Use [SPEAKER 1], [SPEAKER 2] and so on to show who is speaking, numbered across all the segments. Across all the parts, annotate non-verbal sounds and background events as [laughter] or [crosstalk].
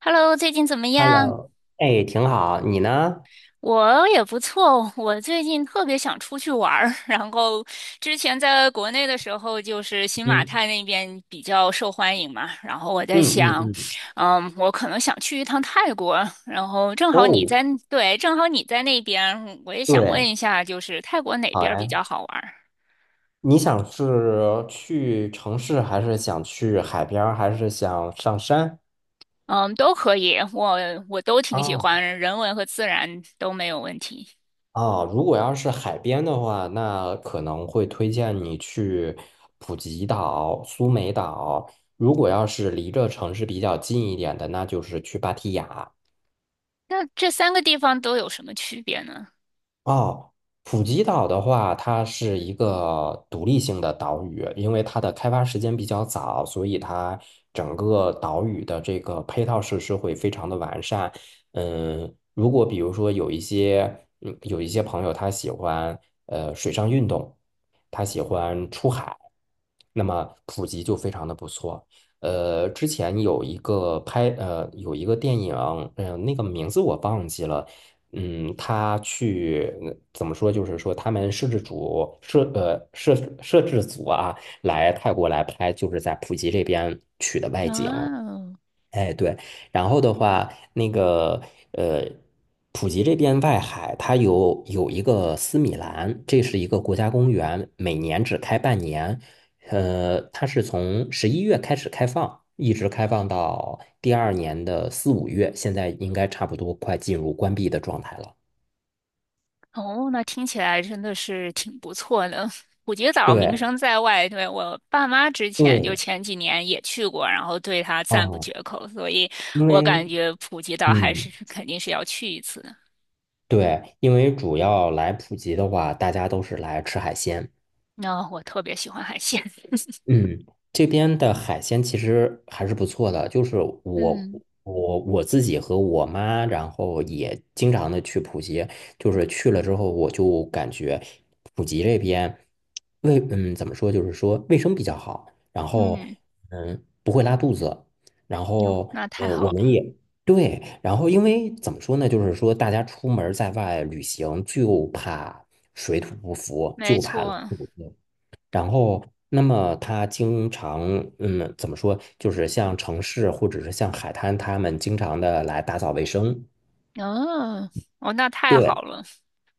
[SPEAKER 1] Hello，最近怎么样？
[SPEAKER 2] Hello，哎，挺好，你呢？
[SPEAKER 1] 我也不错，我最近特别想出去玩儿。[laughs] 然后之前在国内的时候，就是新马
[SPEAKER 2] 嗯
[SPEAKER 1] 泰那边比较受欢迎嘛。然后我在
[SPEAKER 2] 嗯嗯
[SPEAKER 1] 想，
[SPEAKER 2] 嗯，
[SPEAKER 1] 嗯，我可能想去一趟泰国。然后正好你
[SPEAKER 2] 哦，
[SPEAKER 1] 在，对，正好你在那边，我也想问
[SPEAKER 2] 对，
[SPEAKER 1] 一下，就是泰国哪边
[SPEAKER 2] 好
[SPEAKER 1] 儿比
[SPEAKER 2] 呀。
[SPEAKER 1] 较好玩儿？
[SPEAKER 2] 你想是去城市，还是想去海边儿，还是想上山？
[SPEAKER 1] 嗯，都可以，我都挺喜
[SPEAKER 2] 啊
[SPEAKER 1] 欢，人文和自然都没有问题。
[SPEAKER 2] 哦，如果要是海边的话，那可能会推荐你去普吉岛、苏梅岛。如果要是离这城市比较近一点的，那就是去芭提雅。
[SPEAKER 1] 那这三个地方都有什么区别呢？
[SPEAKER 2] 哦，普吉岛的话，它是一个独立性的岛屿，因为它的开发时间比较早，所以它整个岛屿的这个配套设施会非常的完善。嗯，如果比如说有一些，有一些朋友他喜欢水上运动，他喜欢出海，那么普吉就非常的不错。之前有一个拍呃有一个电影，那个名字我忘记了。他去嗯怎么说？就是说，他们摄制组啊，来泰国来拍，就是在普吉这边取的外景。
[SPEAKER 1] 哦。
[SPEAKER 2] 哎，对，然后的话，那个呃，普吉这边外海，它有一个斯米兰，这是一个国家公园，每年只开半年。它是从11月开始开放，一直开放到第二年的4、5月，现在应该差不多快进入关闭的状态了。
[SPEAKER 1] 哦，那听起来真的是挺不错的。普吉岛名
[SPEAKER 2] 对
[SPEAKER 1] 声在外，对，我爸妈之前就
[SPEAKER 2] 对，
[SPEAKER 1] 前几年也去过，然后对他赞不
[SPEAKER 2] 啊，
[SPEAKER 1] 绝口，所以
[SPEAKER 2] 因
[SPEAKER 1] 我感
[SPEAKER 2] 为
[SPEAKER 1] 觉普吉岛还是
[SPEAKER 2] 嗯，
[SPEAKER 1] 肯定是要去一次的。
[SPEAKER 2] 对，因为主要来普及的话，大家都是来吃海鲜。
[SPEAKER 1] 那、我特别喜欢海鲜。[laughs]
[SPEAKER 2] 嗯，这边的海鲜其实还是不错的，就是我
[SPEAKER 1] 嗯
[SPEAKER 2] 我自己和我妈，然后也经常的去普吉，就是去了之后，我就感觉普吉这边怎么说，就是说卫生比较好，然后
[SPEAKER 1] 嗯，
[SPEAKER 2] 不会拉肚子，然
[SPEAKER 1] 那
[SPEAKER 2] 后
[SPEAKER 1] 那太
[SPEAKER 2] 我
[SPEAKER 1] 好了。
[SPEAKER 2] 们也对，然后因为怎么说呢，就是说大家出门在外旅行就怕水土不服，
[SPEAKER 1] 没
[SPEAKER 2] 就怕拉
[SPEAKER 1] 错。
[SPEAKER 2] 肚子。然后，那么他经常，嗯，怎么说，就是像城市或者是像海滩，他们经常的来打扫卫生。
[SPEAKER 1] 哦哦，那太
[SPEAKER 2] 对
[SPEAKER 1] 好了，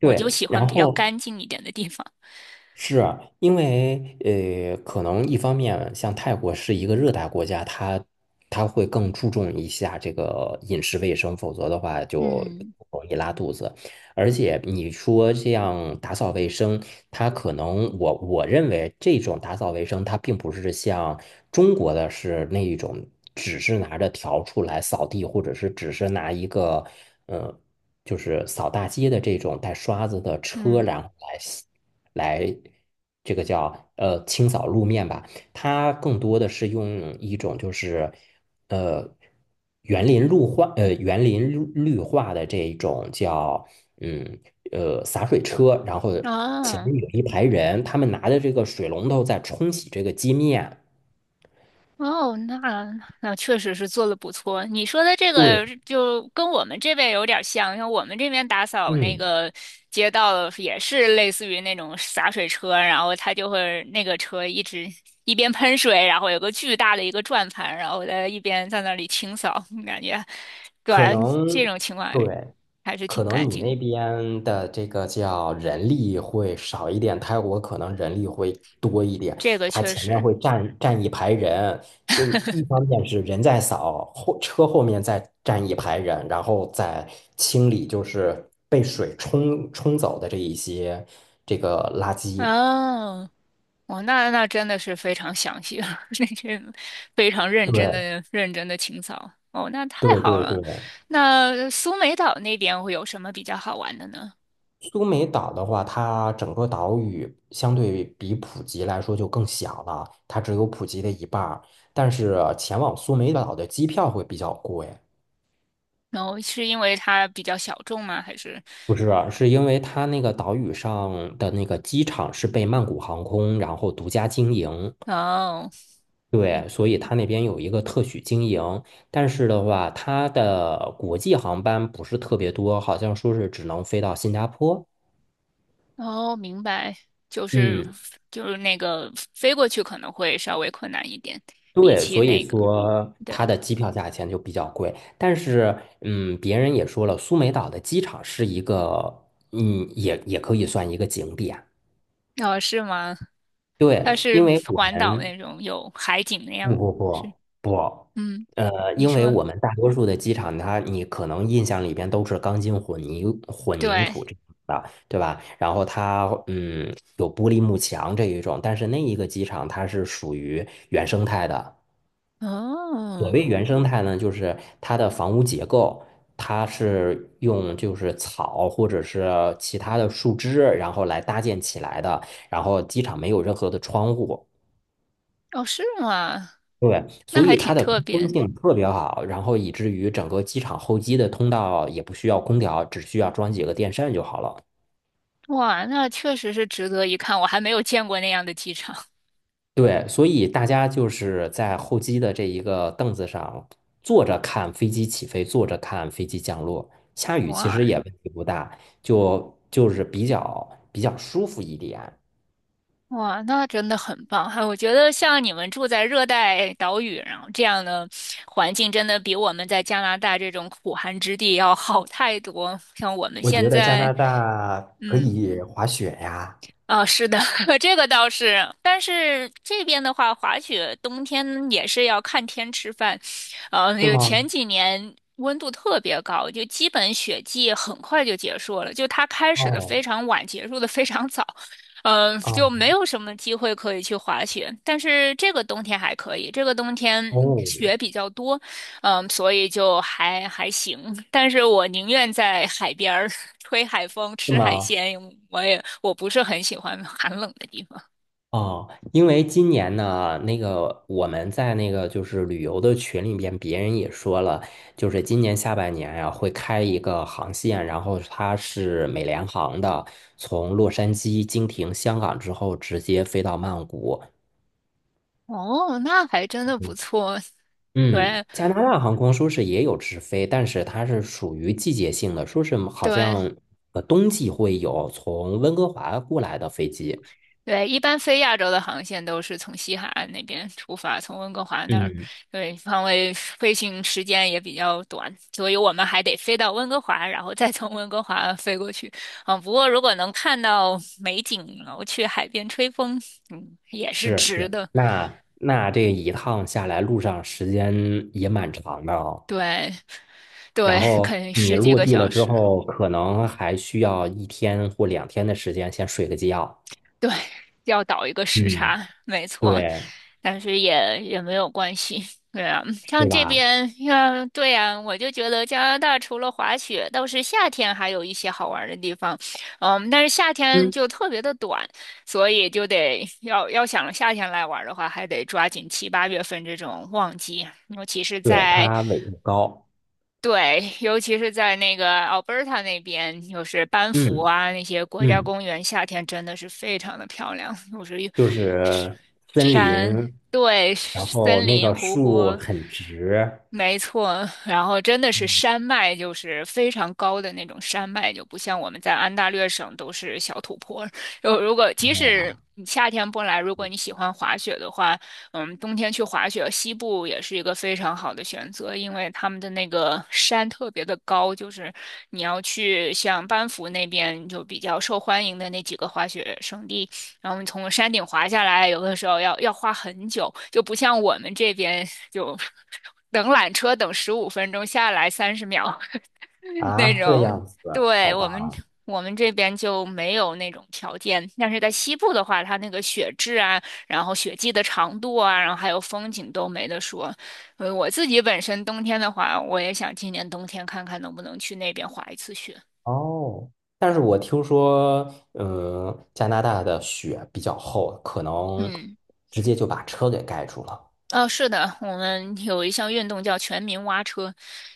[SPEAKER 1] 我就喜欢
[SPEAKER 2] 然
[SPEAKER 1] 比较
[SPEAKER 2] 后
[SPEAKER 1] 干净一点的地方。
[SPEAKER 2] 是啊因为可能一方面像泰国是一个热带国家，它会更注重一下这个饮食卫生，否则的话就
[SPEAKER 1] 嗯
[SPEAKER 2] 容易拉肚子。而且你说这样打扫卫生，它可能我认为这种打扫卫生，它并不是像中国的是那一种，只是拿着笤帚来扫地，或者是只是拿一个呃，就是扫大街的这种带刷子的车，
[SPEAKER 1] 嗯，
[SPEAKER 2] 然后来这个叫清扫路面吧。它更多的是用一种就是呃园林绿化呃园林绿绿化的这一种叫嗯洒水车，然后前
[SPEAKER 1] 啊。哦
[SPEAKER 2] 面有一排人，他们拿着这个水龙头在冲洗这个街面。
[SPEAKER 1] 哦，那确实是做的不错。你说的这
[SPEAKER 2] 对，
[SPEAKER 1] 个就跟我们这边有点像，像我们这边打扫那
[SPEAKER 2] 嗯。
[SPEAKER 1] 个街道也是类似于那种洒水车，然后它就会那个车一直一边喷水，然后有个巨大的一个转盘，然后在一边在那里清扫，[laughs] 感觉，对，
[SPEAKER 2] 可能
[SPEAKER 1] 这种情况
[SPEAKER 2] 对，
[SPEAKER 1] 还是
[SPEAKER 2] 可
[SPEAKER 1] 挺干
[SPEAKER 2] 能你
[SPEAKER 1] 净。
[SPEAKER 2] 那边的这个叫人力会少一点，泰国可能人力会多一点。
[SPEAKER 1] 这个
[SPEAKER 2] 它
[SPEAKER 1] 确
[SPEAKER 2] 前面
[SPEAKER 1] 实。
[SPEAKER 2] 会站一排人，因为一方面是人在扫，后车后面再站一排人，然后再清理就是被水冲走的这一些这个垃圾。
[SPEAKER 1] 哦。哦，那真的是非常详细了，[laughs] 那些非常认真
[SPEAKER 2] 对
[SPEAKER 1] 的、认真的清扫。哦，那太
[SPEAKER 2] 对
[SPEAKER 1] 好
[SPEAKER 2] 对对，
[SPEAKER 1] 了。那苏梅岛那边会有什么比较好玩的呢？
[SPEAKER 2] 苏梅岛的话，它整个岛屿相对比普吉来说就更小了，它只有普吉的一半儿。但是前往苏梅岛的机票会比较贵，
[SPEAKER 1] 然后是因为它比较小众吗？还是
[SPEAKER 2] 不是啊，是因为它那个岛屿上的那个机场是被曼谷航空然后独家经营，
[SPEAKER 1] 哦。
[SPEAKER 2] 对，所以它那边有一个特许经营。但是的话，它的国际航班不是特别多，好像说是只能飞到新加坡。
[SPEAKER 1] 哦，明白，就是
[SPEAKER 2] 嗯，
[SPEAKER 1] 就是那个飞过去可能会稍微困难一点。比
[SPEAKER 2] 对，
[SPEAKER 1] 起
[SPEAKER 2] 所以
[SPEAKER 1] 那个，
[SPEAKER 2] 说
[SPEAKER 1] 对。
[SPEAKER 2] 它的机票价钱就比较贵，但是，嗯，别人也说了，苏梅岛的机场是一个，嗯，也可以算一个景点。
[SPEAKER 1] 哦，是吗？它
[SPEAKER 2] 对，
[SPEAKER 1] 是
[SPEAKER 2] 因为我
[SPEAKER 1] 环岛
[SPEAKER 2] 们
[SPEAKER 1] 那种有海景那
[SPEAKER 2] [laughs] 不
[SPEAKER 1] 样
[SPEAKER 2] 不
[SPEAKER 1] 是
[SPEAKER 2] 不不，
[SPEAKER 1] 嗯，你
[SPEAKER 2] 因为
[SPEAKER 1] 说
[SPEAKER 2] 我们大多数的机场它，你可能印象里边都是钢筋混凝
[SPEAKER 1] 对。
[SPEAKER 2] 土这种的，对吧？然后它，嗯，有玻璃幕墙这一种，但是那一个机场它是属于原生态的。所
[SPEAKER 1] 哦。
[SPEAKER 2] 谓原生态呢，就是它的房屋结构，它是用就是草或者是其他的树枝，然后来搭建起来的。然后机场没有任何的窗户，
[SPEAKER 1] 哦，是吗？
[SPEAKER 2] 对，
[SPEAKER 1] 那
[SPEAKER 2] 所
[SPEAKER 1] 还
[SPEAKER 2] 以它
[SPEAKER 1] 挺
[SPEAKER 2] 的
[SPEAKER 1] 特
[SPEAKER 2] 通
[SPEAKER 1] 别
[SPEAKER 2] 风
[SPEAKER 1] 的。
[SPEAKER 2] 性特别好，然后以至于整个机场候机的通道也不需要空调，只需要装几个电扇就好了。
[SPEAKER 1] 哇，那确实是值得一看，我还没有见过那样的机场。[laughs]
[SPEAKER 2] 对，所以大家就是在候机的这一个凳子上坐着看飞机起飞，坐着看飞机降落。下雨其实
[SPEAKER 1] 哇
[SPEAKER 2] 也问题不大，就是比较舒服一点。
[SPEAKER 1] 哇，那真的很棒！哎，我觉得像你们住在热带岛屿，然后这样的环境，真的比我们在加拿大这种苦寒之地要好太多。像我们
[SPEAKER 2] 我
[SPEAKER 1] 现
[SPEAKER 2] 觉得加
[SPEAKER 1] 在，
[SPEAKER 2] 拿大可
[SPEAKER 1] 嗯，
[SPEAKER 2] 以滑雪呀，
[SPEAKER 1] 啊、是的。[laughs] 这个倒是，但是这边的话，滑雪冬天也是要看天吃饭，
[SPEAKER 2] 是
[SPEAKER 1] 有
[SPEAKER 2] 吗？
[SPEAKER 1] 前几年温度特别高，就基本雪季很快就结束了，就它开始的
[SPEAKER 2] 哦
[SPEAKER 1] 非常晚，结束的非常早。就
[SPEAKER 2] 哦
[SPEAKER 1] 没有什么机会可以去滑雪。但是这个冬天还可以，这个冬天
[SPEAKER 2] 哦，
[SPEAKER 1] 雪比较多，嗯，所以就还行。但是我宁愿在海边儿 [laughs] 吹海风、
[SPEAKER 2] 是
[SPEAKER 1] 吃海
[SPEAKER 2] 吗？
[SPEAKER 1] 鲜，我不是很喜欢寒冷的地方。
[SPEAKER 2] 哦，因为今年呢，那个我们在那个就是旅游的群里边，别人也说了，就是今年下半年呀、会开一个航线，然后它是美联航的，从洛杉矶经停香港之后，直接飞到曼谷。
[SPEAKER 1] 哦，那还真的不错。[laughs]
[SPEAKER 2] 嗯，
[SPEAKER 1] 对
[SPEAKER 2] 加拿大航空说是也有直飞，但是它是属于季节性的，说是好
[SPEAKER 1] 对，
[SPEAKER 2] 像冬季会有从温哥华过来的飞机。
[SPEAKER 1] 对，一般飞亚洲的航线都是从西海岸那边出发，从温哥华那儿。
[SPEAKER 2] 嗯。
[SPEAKER 1] 对，因为飞行时间也比较短，所以我们还得飞到温哥华，然后再从温哥华飞过去。嗯，不过如果能看到美景，然后去海边吹风，嗯，也是
[SPEAKER 2] 是
[SPEAKER 1] 值
[SPEAKER 2] 是，
[SPEAKER 1] 的。
[SPEAKER 2] 那这一趟下来，路上时间也蛮长的哦。
[SPEAKER 1] 对。
[SPEAKER 2] 然
[SPEAKER 1] 对，
[SPEAKER 2] 后
[SPEAKER 1] 肯定
[SPEAKER 2] 你
[SPEAKER 1] 十几
[SPEAKER 2] 落
[SPEAKER 1] 个
[SPEAKER 2] 地了
[SPEAKER 1] 小
[SPEAKER 2] 之
[SPEAKER 1] 时。
[SPEAKER 2] 后，可能还需要一天或两天的时间先睡个觉。
[SPEAKER 1] 对，要倒一个时
[SPEAKER 2] 嗯，
[SPEAKER 1] 差，没错，
[SPEAKER 2] 对，
[SPEAKER 1] 但是也没有关系。对啊，像
[SPEAKER 2] 是
[SPEAKER 1] 这
[SPEAKER 2] 吧？
[SPEAKER 1] 边，像对呀，我就觉得加拿大除了滑雪，倒是夏天还有一些好玩儿的地方。嗯，但是夏天
[SPEAKER 2] 嗯，
[SPEAKER 1] 就特别的短，所以就得要想夏天来玩儿的话，还得抓紧七八月份这种旺季，尤其是
[SPEAKER 2] 对，
[SPEAKER 1] 在
[SPEAKER 2] 它纬度高。
[SPEAKER 1] 对，尤其是在那个 Alberta 那边，就是班夫
[SPEAKER 2] 嗯
[SPEAKER 1] 啊那些国家
[SPEAKER 2] 嗯，
[SPEAKER 1] 公园，夏天真的是非常的漂亮，就是有
[SPEAKER 2] 就是森林，
[SPEAKER 1] 山。对，
[SPEAKER 2] 然后
[SPEAKER 1] 森
[SPEAKER 2] 那
[SPEAKER 1] 林、
[SPEAKER 2] 个
[SPEAKER 1] 湖
[SPEAKER 2] 树
[SPEAKER 1] 泊。
[SPEAKER 2] 很直。
[SPEAKER 1] 没错。然后真的是
[SPEAKER 2] 嗯，
[SPEAKER 1] 山脉，就是非常高的那种山脉，就不像我们在安大略省都是小土坡儿。就如果即
[SPEAKER 2] 那
[SPEAKER 1] 使
[SPEAKER 2] 样
[SPEAKER 1] 你夏天不来，如果你喜欢滑雪的话，嗯，冬天去滑雪，西部也是一个非常好的选择，因为他们的那个山特别的高，就是你要去像班夫那边就比较受欢迎的那几个滑雪胜地，然后你从山顶滑下来，有的时候要花很久，就不像我们这边就 [laughs] 等缆车等15分钟下来30秒，[laughs]
[SPEAKER 2] 啊，
[SPEAKER 1] 那
[SPEAKER 2] 这
[SPEAKER 1] 种。
[SPEAKER 2] 样子，
[SPEAKER 1] 对，
[SPEAKER 2] 好
[SPEAKER 1] 我们
[SPEAKER 2] 吧。
[SPEAKER 1] 我们这边就没有那种条件，但是在西部的话，它那个雪质啊，然后雪季的长度啊，然后还有风景都没得说。我自己本身冬天的话，我也想今年冬天看看能不能去那边滑一次雪。
[SPEAKER 2] 哦，但是我听说，嗯，加拿大的雪比较厚，可能
[SPEAKER 1] 嗯。
[SPEAKER 2] 直接就把车给盖住了，
[SPEAKER 1] 哦，是的，我们有一项运动叫全民挖车，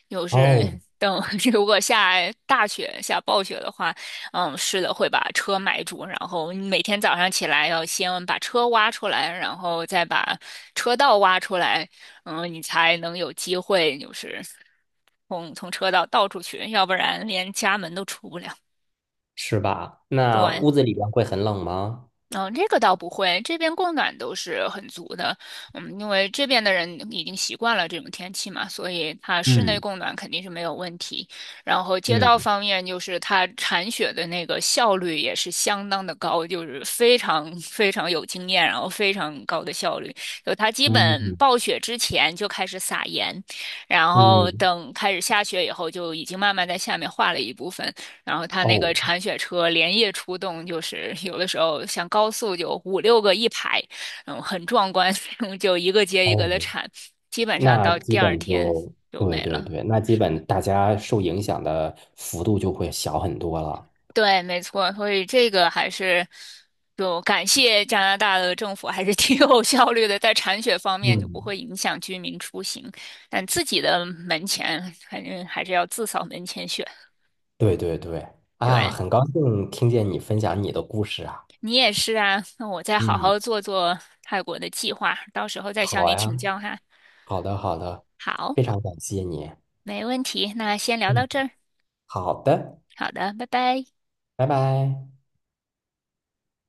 [SPEAKER 1] 就是
[SPEAKER 2] 哦，
[SPEAKER 1] 等， [laughs] 如果下大雪、下暴雪的话，嗯，是的，会把车埋住，然后每天早上起来要先把车挖出来，然后再把车道挖出来。嗯，你才能有机会就是从车道倒出去，要不然连家门都出不了。
[SPEAKER 2] 是吧？那
[SPEAKER 1] 对，
[SPEAKER 2] 屋子里边会很冷吗？
[SPEAKER 1] 嗯，这个倒不会，这边供暖都是很足的。嗯，因为这边的人已经习惯了这种天气嘛，所以它室内
[SPEAKER 2] 嗯
[SPEAKER 1] 供暖肯定是没有问题。然后街道
[SPEAKER 2] 嗯
[SPEAKER 1] 方面，就是它铲雪的那个效率也是相当的高，就是非常非常有经验，然后非常高的效率。就它基
[SPEAKER 2] 嗯
[SPEAKER 1] 本
[SPEAKER 2] 嗯，
[SPEAKER 1] 暴雪之前就开始撒盐，然后
[SPEAKER 2] 嗯。
[SPEAKER 1] 等开始下雪以后，就已经慢慢在下面化了一部分。然后他那个
[SPEAKER 2] 哦
[SPEAKER 1] 铲雪车连夜出动，就是有的时候像高速就五六个一排。嗯，很壮观，[laughs] 就一个接一个的
[SPEAKER 2] 哦，
[SPEAKER 1] 铲，基本上
[SPEAKER 2] 那
[SPEAKER 1] 到
[SPEAKER 2] 基
[SPEAKER 1] 第二
[SPEAKER 2] 本
[SPEAKER 1] 天
[SPEAKER 2] 就
[SPEAKER 1] 就
[SPEAKER 2] 对
[SPEAKER 1] 没
[SPEAKER 2] 对
[SPEAKER 1] 了。
[SPEAKER 2] 对，那基
[SPEAKER 1] 是的。
[SPEAKER 2] 本大家受影响的幅度就会小很多了。
[SPEAKER 1] 对，没错，所以这个还是就感谢加拿大的政府，还是 [laughs] 挺有效率的，在铲雪方面就不
[SPEAKER 2] 嗯
[SPEAKER 1] 会影响居民出行，但自己的门前反正还是要自扫门前雪。
[SPEAKER 2] 对对对，啊，
[SPEAKER 1] 对，
[SPEAKER 2] 很高兴听见你分享你的故事啊。
[SPEAKER 1] 你也是啊，那我再好
[SPEAKER 2] 嗯，
[SPEAKER 1] 好做做泰国的计划，到时候再向
[SPEAKER 2] 好
[SPEAKER 1] 你
[SPEAKER 2] 呀。
[SPEAKER 1] 请教哈。
[SPEAKER 2] 好的，好的，
[SPEAKER 1] 好，
[SPEAKER 2] 非常感谢你。
[SPEAKER 1] 没问题，那先聊到
[SPEAKER 2] 嗯，
[SPEAKER 1] 这儿。
[SPEAKER 2] 好的，
[SPEAKER 1] 好的，拜拜。
[SPEAKER 2] 拜拜。